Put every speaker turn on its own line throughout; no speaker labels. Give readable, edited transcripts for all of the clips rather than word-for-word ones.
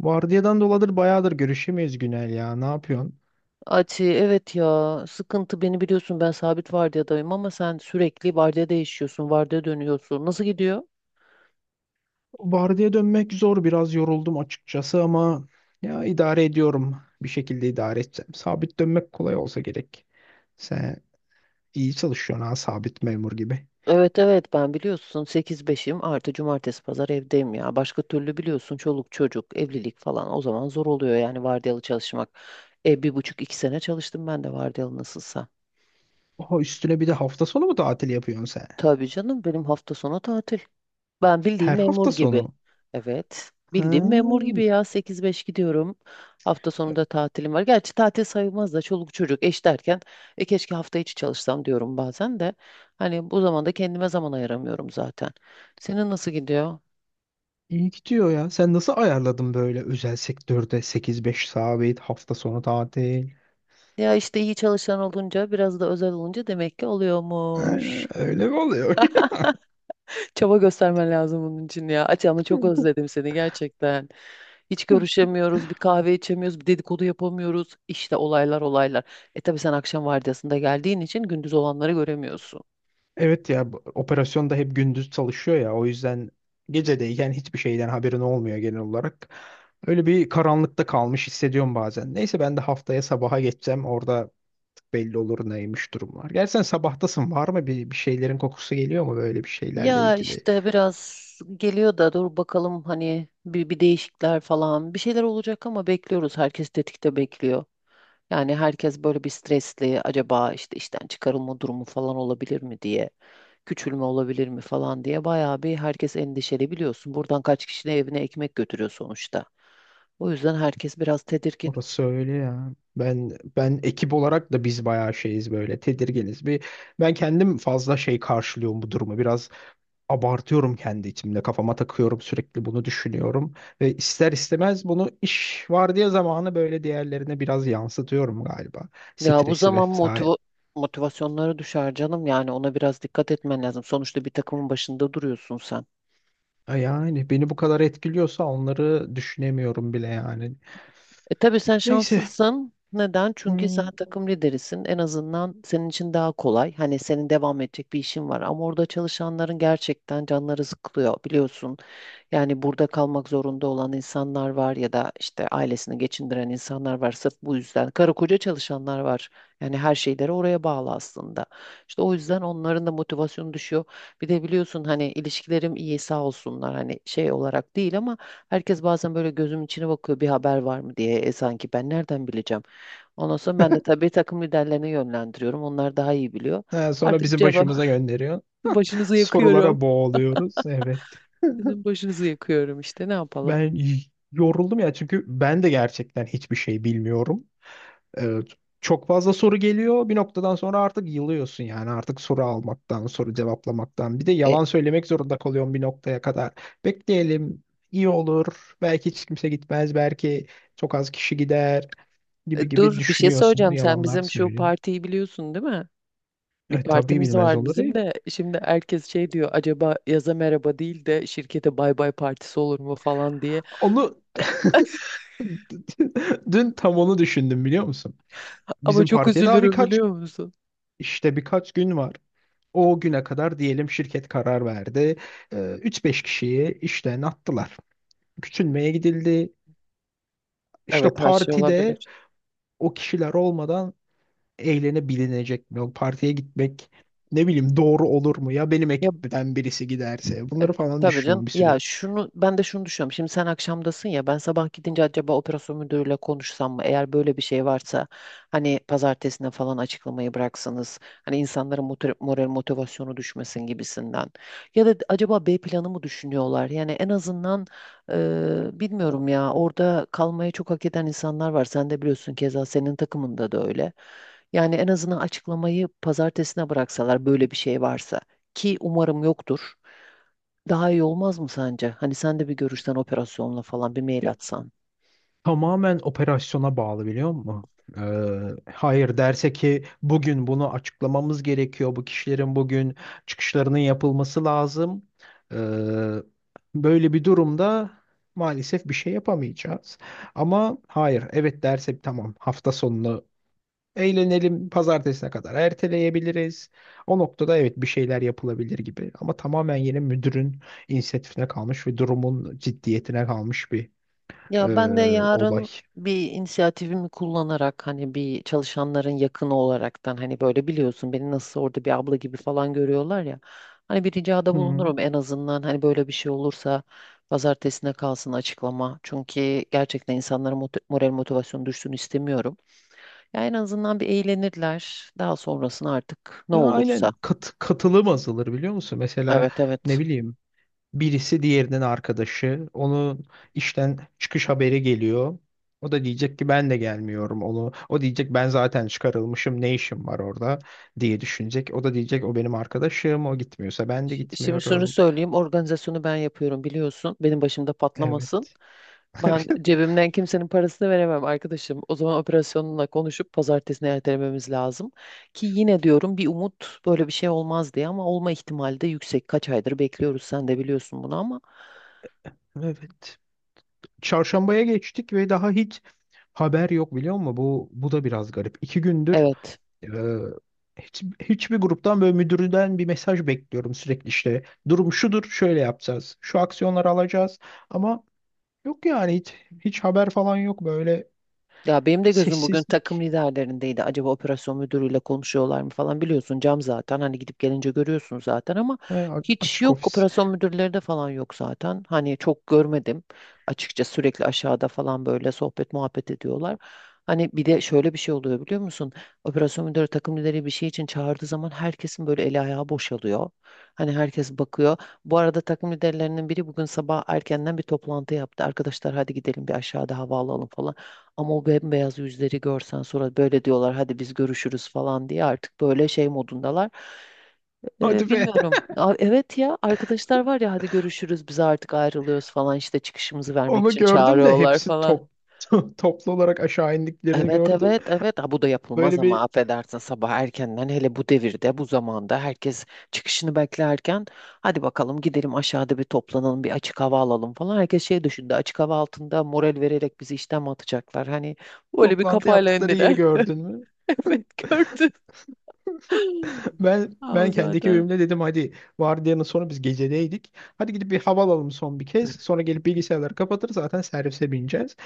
Vardiyadan doladır bayağıdır görüşemeyiz Günel ya. Ne yapıyorsun?
Ati, evet ya, sıkıntı. Beni biliyorsun, ben sabit vardiyadayım ama sen sürekli vardiya değişiyorsun, vardiya dönüyorsun. Nasıl gidiyor?
Vardiya dönmek zor. Biraz yoruldum açıkçası ama ya idare ediyorum. Bir şekilde idare edeceğim. Sabit dönmek kolay olsa gerek. Sen iyi çalışıyorsun ha, sabit memur gibi.
Evet, evet, ben biliyorsun 8-5'im, artı cumartesi pazar evdeyim ya. Başka türlü biliyorsun, çoluk çocuk, evlilik falan, o zaman zor oluyor yani vardiyalı çalışmak. 1,5-2 sene çalıştım ben de vardiyalı nasılsa.
Oha, üstüne bir de hafta sonu mu tatil yapıyorsun sen?
Tabii canım, benim hafta sonu tatil. Ben bildiğim
Her
memur
hafta
gibi.
sonu.
Evet.
Ha,
Bildiğim memur gibi ya, 8-5 gidiyorum. Hafta sonu da tatilim var. Gerçi tatil sayılmaz da, çoluk çocuk, eş derken keşke hafta içi çalışsam diyorum bazen de. Hani bu zamanda kendime zaman ayıramıyorum zaten. Senin nasıl gidiyor?
iyi gidiyor ya. Sen nasıl ayarladın böyle özel sektörde 8-5 sabit hafta sonu tatil?
Ya işte, iyi çalışan olunca, biraz da özel olunca demek ki
Ha,
oluyormuş.
öyle mi oluyor?
Çaba göstermen lazım bunun için ya. Aç ama çok özledim seni gerçekten. Hiç görüşemiyoruz, bir kahve içemiyoruz, bir dedikodu yapamıyoruz. İşte olaylar olaylar. E tabii, sen akşam vardiyasında geldiğin için gündüz olanları göremiyorsun.
Evet ya, operasyon da hep gündüz çalışıyor ya, o yüzden gecedeyken hiçbir şeyden haberin olmuyor genel olarak. Öyle bir karanlıkta kalmış hissediyorum bazen. Neyse, ben de haftaya sabaha geçeceğim, orada belli olur neymiş durumlar. Gerçi sen sabahtasın, var mı bir şeylerin kokusu geliyor mu böyle bir şeylerle
Ya
ilgili?
işte biraz geliyor da, dur bakalım, hani bir değişikler falan bir şeyler olacak ama bekliyoruz. Herkes tetikte bekliyor. Yani herkes böyle bir stresli, acaba işte işten çıkarılma durumu falan olabilir mi diye. Küçülme olabilir mi falan diye bayağı bir herkes endişeli, biliyorsun. Buradan kaç kişinin evine ekmek götürüyor sonuçta. O yüzden herkes biraz tedirgin.
Orası öyle ya. Ben ekip olarak da biz bayağı şeyiz, böyle tedirginiz. Bir ben kendim fazla şey karşılıyorum bu durumu. Biraz abartıyorum kendi içimde. Kafama takıyorum, sürekli bunu düşünüyorum. Ve ister istemez bunu iş vardiya zamanı böyle diğerlerine biraz yansıtıyorum galiba.
Ya bu
Stresi
zaman
vesaire.
motivasyonları düşer canım, yani ona biraz dikkat etmen lazım. Sonuçta bir takımın başında duruyorsun sen.
Yani beni bu kadar etkiliyorsa onları düşünemiyorum bile yani.
Tabii sen
Neyse.
şanslısın. Neden? Çünkü sen
Hmm.
takım liderisin. En azından senin için daha kolay. Hani senin devam edecek bir işin var. Ama orada çalışanların gerçekten canları sıkılıyor, biliyorsun. Yani burada kalmak zorunda olan insanlar var ya da işte ailesini geçindiren insanlar var. Sırf bu yüzden. Karı koca çalışanlar var. Yani her şeyleri oraya bağlı aslında. İşte o yüzden onların da motivasyonu düşüyor. Bir de biliyorsun hani, ilişkilerim iyi sağ olsunlar, hani şey olarak değil ama herkes bazen böyle gözüm içine bakıyor, bir haber var mı diye. Sanki ben nereden bileceğim. Ondan sonra ben de tabii takım liderlerine yönlendiriyorum. Onlar daha iyi biliyor.
Ha, sonra
Artık
bizi
cevap
başımıza gönderiyor.
başınızı yakıyorum.
Sorulara boğuluyoruz. Evet.
Sizin başınızı yakıyorum işte, ne yapalım.
Ben y- yoruldum ya, çünkü ben de gerçekten hiçbir şey bilmiyorum. Evet. Çok fazla soru geliyor. Bir noktadan sonra artık yılıyorsun yani. Artık soru almaktan, soru cevaplamaktan. Bir de
E,
yalan söylemek zorunda kalıyorsun bir noktaya kadar. Bekleyelim, iyi olur. Belki hiç kimse gitmez. Belki çok az kişi gider gibi gibi
dur bir şey
düşünüyorsun.
söyleyeceğim, sen
Yalanlar
bizim şu
söylüyorsun.
partiyi biliyorsun değil mi? Bir
E, tabii
partimiz
bilmez
var
olur ya.
bizim de, şimdi herkes şey diyor, acaba yaza merhaba değil de şirkete bay bay partisi olur mu falan diye.
Onu dün tam onu düşündüm biliyor musun?
Ama
Bizim
çok
partiye daha
üzülürüm biliyor musun?
işte birkaç gün var. O güne kadar diyelim şirket karar verdi. Ee, 3-5 kişiyi işten attılar. Küçülmeye gidildi.
Evet,
İşte
her şey
partide
olabilir.
o kişiler olmadan eğlenebilinecek mi? O partiye gitmek, ne bileyim, doğru olur mu? Ya benim
Ya,
ekipten birisi giderse?
E,
Bunları falan
tabii canım.
düşünüyorum bir
Ya
süredir.
şunu ben de şunu düşünüyorum. Şimdi sen akşamdasın ya, ben sabah gidince acaba operasyon müdürüyle konuşsam mı? Eğer böyle bir şey varsa hani pazartesine falan açıklamayı bıraksanız, hani insanların moral motivasyonu düşmesin gibisinden. Ya da acaba B planı mı düşünüyorlar? Yani en azından, bilmiyorum ya, orada kalmayı çok hak eden insanlar var. Sen de biliyorsun, keza senin takımında da öyle. Yani en azından açıklamayı pazartesine bıraksalar, böyle bir şey varsa, ki umarım yoktur. Daha iyi olmaz mı sence? Hani sen de bir görüşten, operasyonla falan bir mail atsan.
Tamamen operasyona bağlı biliyor musun? Hayır derse ki bugün bunu açıklamamız gerekiyor. Bu kişilerin bugün çıkışlarının yapılması lazım. Ee, böyle bir durumda maalesef bir şey yapamayacağız. Ama hayır evet derse, tamam, hafta sonunu eğlenelim, pazartesine kadar erteleyebiliriz. O noktada evet, bir şeyler yapılabilir gibi. Ama tamamen yine müdürün inisiyatifine kalmış ve durumun ciddiyetine kalmış bir
Ya ben de
olay.
yarın bir inisiyatifimi kullanarak, hani bir çalışanların yakını olaraktan, hani böyle biliyorsun, beni nasıl orada bir abla gibi falan görüyorlar ya. Hani bir ricada
Hı.
bulunurum en azından, hani böyle bir şey olursa pazartesine kalsın açıklama. Çünkü gerçekten insanların moral motivasyonu düşsün istemiyorum. Ya en azından bir eğlenirler. Daha sonrasını artık ne
Ya
olursa.
aynen, katılım azalır biliyor musun? Mesela
Evet,
ne
evet.
bileyim birisi diğerinin arkadaşı, onun işten çıkış haberi geliyor. O da diyecek ki ben de gelmiyorum onu. O diyecek ben zaten çıkarılmışım, ne işim var orada diye düşünecek. O da diyecek o benim arkadaşım, o gitmiyorsa ben de
Şimdi şunu
gitmiyorum.
söyleyeyim. Organizasyonu ben yapıyorum biliyorsun. Benim başımda patlamasın.
Evet.
Ben cebimden kimsenin parasını veremem arkadaşım. O zaman operasyonla konuşup pazartesine ertelememiz lazım. Ki yine diyorum, bir umut böyle bir şey olmaz diye, ama olma ihtimali de yüksek. Kaç aydır bekliyoruz, sen de biliyorsun bunu ama.
Evet. Çarşambaya geçtik ve daha hiç haber yok biliyor musun? Bu da biraz garip. İki gündür
Evet.
Ee, hiçbir gruptan böyle müdürden bir mesaj bekliyorum sürekli işte. Durum şudur, şöyle yapacağız. Şu aksiyonları alacağız. Ama yok yani hiç haber falan yok böyle
Ya benim de gözüm bugün takım
sessizlik.
liderlerindeydi. Acaba operasyon müdürüyle konuşuyorlar mı falan, biliyorsun cam zaten. Hani gidip gelince görüyorsun zaten ama
He,
hiç
açık
yok.
ofis.
Operasyon müdürleri de falan yok zaten. Hani çok görmedim. Açıkça sürekli aşağıda falan böyle sohbet muhabbet ediyorlar. Hani bir de şöyle bir şey oluyor biliyor musun? Operasyon müdürü takım lideri bir şey için çağırdığı zaman herkesin böyle eli ayağı boşalıyor. Hani herkes bakıyor. Bu arada takım liderlerinin biri bugün sabah erkenden bir toplantı yaptı. Arkadaşlar hadi gidelim, bir aşağıda hava alalım falan. Ama o bembeyaz yüzleri görsen, sonra böyle diyorlar hadi biz görüşürüz falan diye, artık böyle şey modundalar.
Hadi be.
Bilmiyorum. Evet ya, arkadaşlar var ya, hadi görüşürüz biz artık ayrılıyoruz falan, işte çıkışımızı vermek
Onu
için
gördüm de
çağırıyorlar
hepsi
falan.
top toplu olarak aşağı indiklerini
Evet,
gördüm.
evet, evet. Ha, bu da yapılmaz
Böyle
ama
bir
affedersin, sabah erkenden, hele bu devirde, bu zamanda herkes çıkışını beklerken, hadi bakalım gidelim aşağıda bir toplanalım, bir açık hava alalım falan, herkes şey düşündü, açık hava altında moral vererek bizi işten mi atacaklar hani. Böyle bir
toplantı
kafayla
yaptıkları yeri
indiler.
gördün mü?
Evet, gördüm.
Ben
Ha, o
ben kendi
zaten.
ekibimle dedim hadi, vardiyanın sonu biz gecedeydik. Hadi gidip bir hava alalım son bir kez. Sonra gelip bilgisayarları kapatır zaten, servise bineceğiz.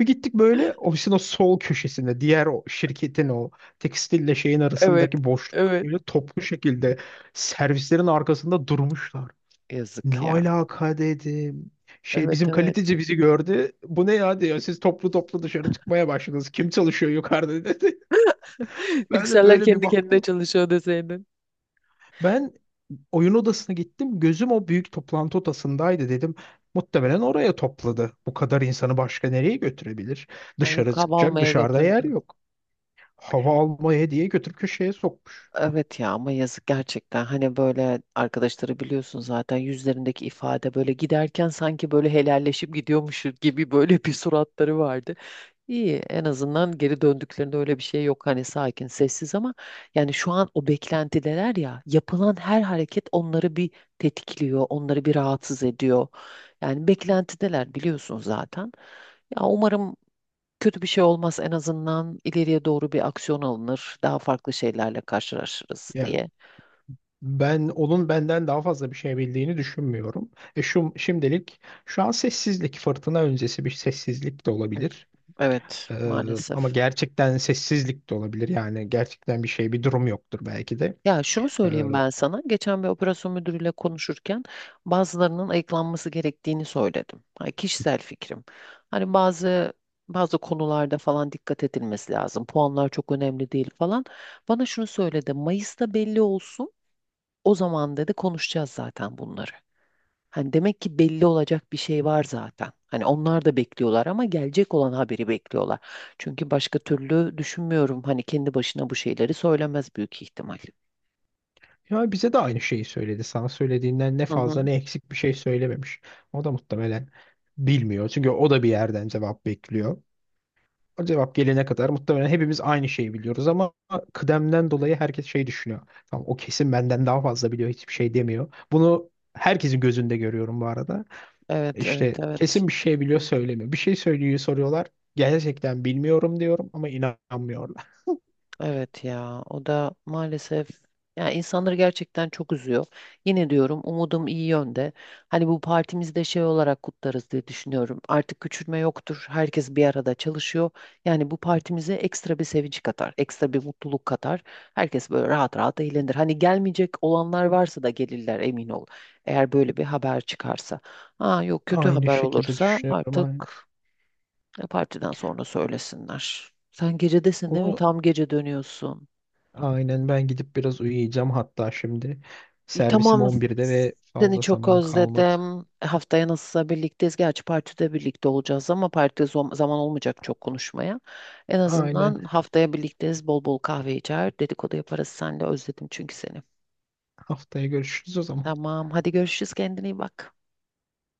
Bir gittik böyle ofisin o sol köşesinde, diğer o şirketin o tekstille şeyin
Evet.
arasındaki boşlukta
Evet.
böyle toplu şekilde servislerin arkasında durmuşlar. Ne
Yazık ya.
alaka dedim. Şey,
Evet,
bizim
evet.
kaliteci bizi gördü. Bu ne ya diyor. Siz toplu toplu dışarı çıkmaya başladınız. Kim çalışıyor yukarıda dedi. Ben de
Bilgisayarlar
böyle bir
kendi kendine
baktım.
çalışıyor deseydin.
Ben oyun odasına gittim. Gözüm o büyük toplantı odasındaydı dedim. Muhtemelen oraya topladı. Bu kadar insanı başka nereye götürebilir?
Ay, yok,
Dışarı
hava
çıkacak,
almaya
dışarıda yer
götürdüm.
yok. Hava almaya diye götür köşeye sokmuş.
Evet ya, ama yazık gerçekten. Hani böyle arkadaşları biliyorsun zaten, yüzlerindeki ifade böyle giderken sanki böyle helalleşip gidiyormuş gibi, böyle bir suratları vardı. İyi, en azından geri döndüklerinde öyle bir şey yok, hani sakin sessiz, ama yani şu an o beklentideler ya, yapılan her hareket onları bir tetikliyor, onları bir rahatsız ediyor. Yani beklentideler, biliyorsun zaten. Ya umarım kötü bir şey olmaz, en azından ileriye doğru bir aksiyon alınır, daha farklı şeylerle karşılaşırız
Ya
diye.
ben onun benden daha fazla bir şey bildiğini düşünmüyorum. E şu şimdilik, şu an sessizlik, fırtına öncesi bir sessizlik de olabilir.
Evet,
Ee, ama
maalesef.
gerçekten sessizlik de olabilir. Yani gerçekten bir şey, bir durum yoktur belki de.
Ya şunu
Ee,
söyleyeyim ben sana. Geçen bir operasyon müdürüyle konuşurken bazılarının ayıklanması gerektiğini söyledim. Hani kişisel fikrim. Hani bazı bazı konularda falan dikkat edilmesi lazım. Puanlar çok önemli değil falan. Bana şunu söyledi. Mayıs'ta belli olsun. O zaman dedi, konuşacağız zaten bunları. Hani demek ki belli olacak bir şey var zaten. Hani onlar da bekliyorlar, ama gelecek olan haberi bekliyorlar. Çünkü başka türlü düşünmüyorum. Hani kendi başına bu şeyleri söylemez büyük ihtimal.
Ya bize de aynı şeyi söyledi. Sana söylediğinden ne
Hı hı.
fazla ne eksik bir şey söylememiş. O da muhtemelen bilmiyor. Çünkü o da bir yerden cevap bekliyor. O cevap gelene kadar muhtemelen hepimiz aynı şeyi biliyoruz ama kıdemden dolayı herkes şey düşünüyor. Tamam, o kesin benden daha fazla biliyor, hiçbir şey demiyor. Bunu herkesin gözünde görüyorum bu arada.
Evet, evet,
İşte
evet.
kesin bir şey biliyor, söylemiyor. Bir şey söylüyor, soruyorlar. Gerçekten bilmiyorum diyorum ama inanmıyorlar.
Evet ya. O da maalesef, ya insanları gerçekten çok üzüyor. Yine diyorum, umudum iyi yönde. Hani bu partimizde şey olarak kutlarız diye düşünüyorum. Artık küçülme yoktur. Herkes bir arada çalışıyor. Yani bu partimize ekstra bir sevinç katar, ekstra bir mutluluk katar. Herkes böyle rahat rahat eğlenir. Hani gelmeyecek olanlar varsa da gelirler, emin ol. Eğer böyle bir haber çıkarsa. Ha yok, kötü
Aynı
haber
şekilde
olursa
düşünüyorum
artık
aynen.
ya partiden sonra söylesinler. Sen gecedesin değil mi?
Onu
Tam gece dönüyorsun.
aynen, ben gidip biraz uyuyacağım hatta şimdi.
İyi,
Servisim
tamam.
11'de ve
Seni
fazla
çok
zaman kalmadı.
özledim. Haftaya nasılsa birlikteyiz. Gerçi partide birlikte olacağız ama partide zaman olmayacak çok konuşmaya. En
Aynen.
azından haftaya birlikteyiz. Bol bol kahve içer, dedikodu yaparız seninle. Özledim çünkü seni.
Haftaya görüşürüz o zaman.
Tamam. Hadi görüşürüz. Kendine iyi bak.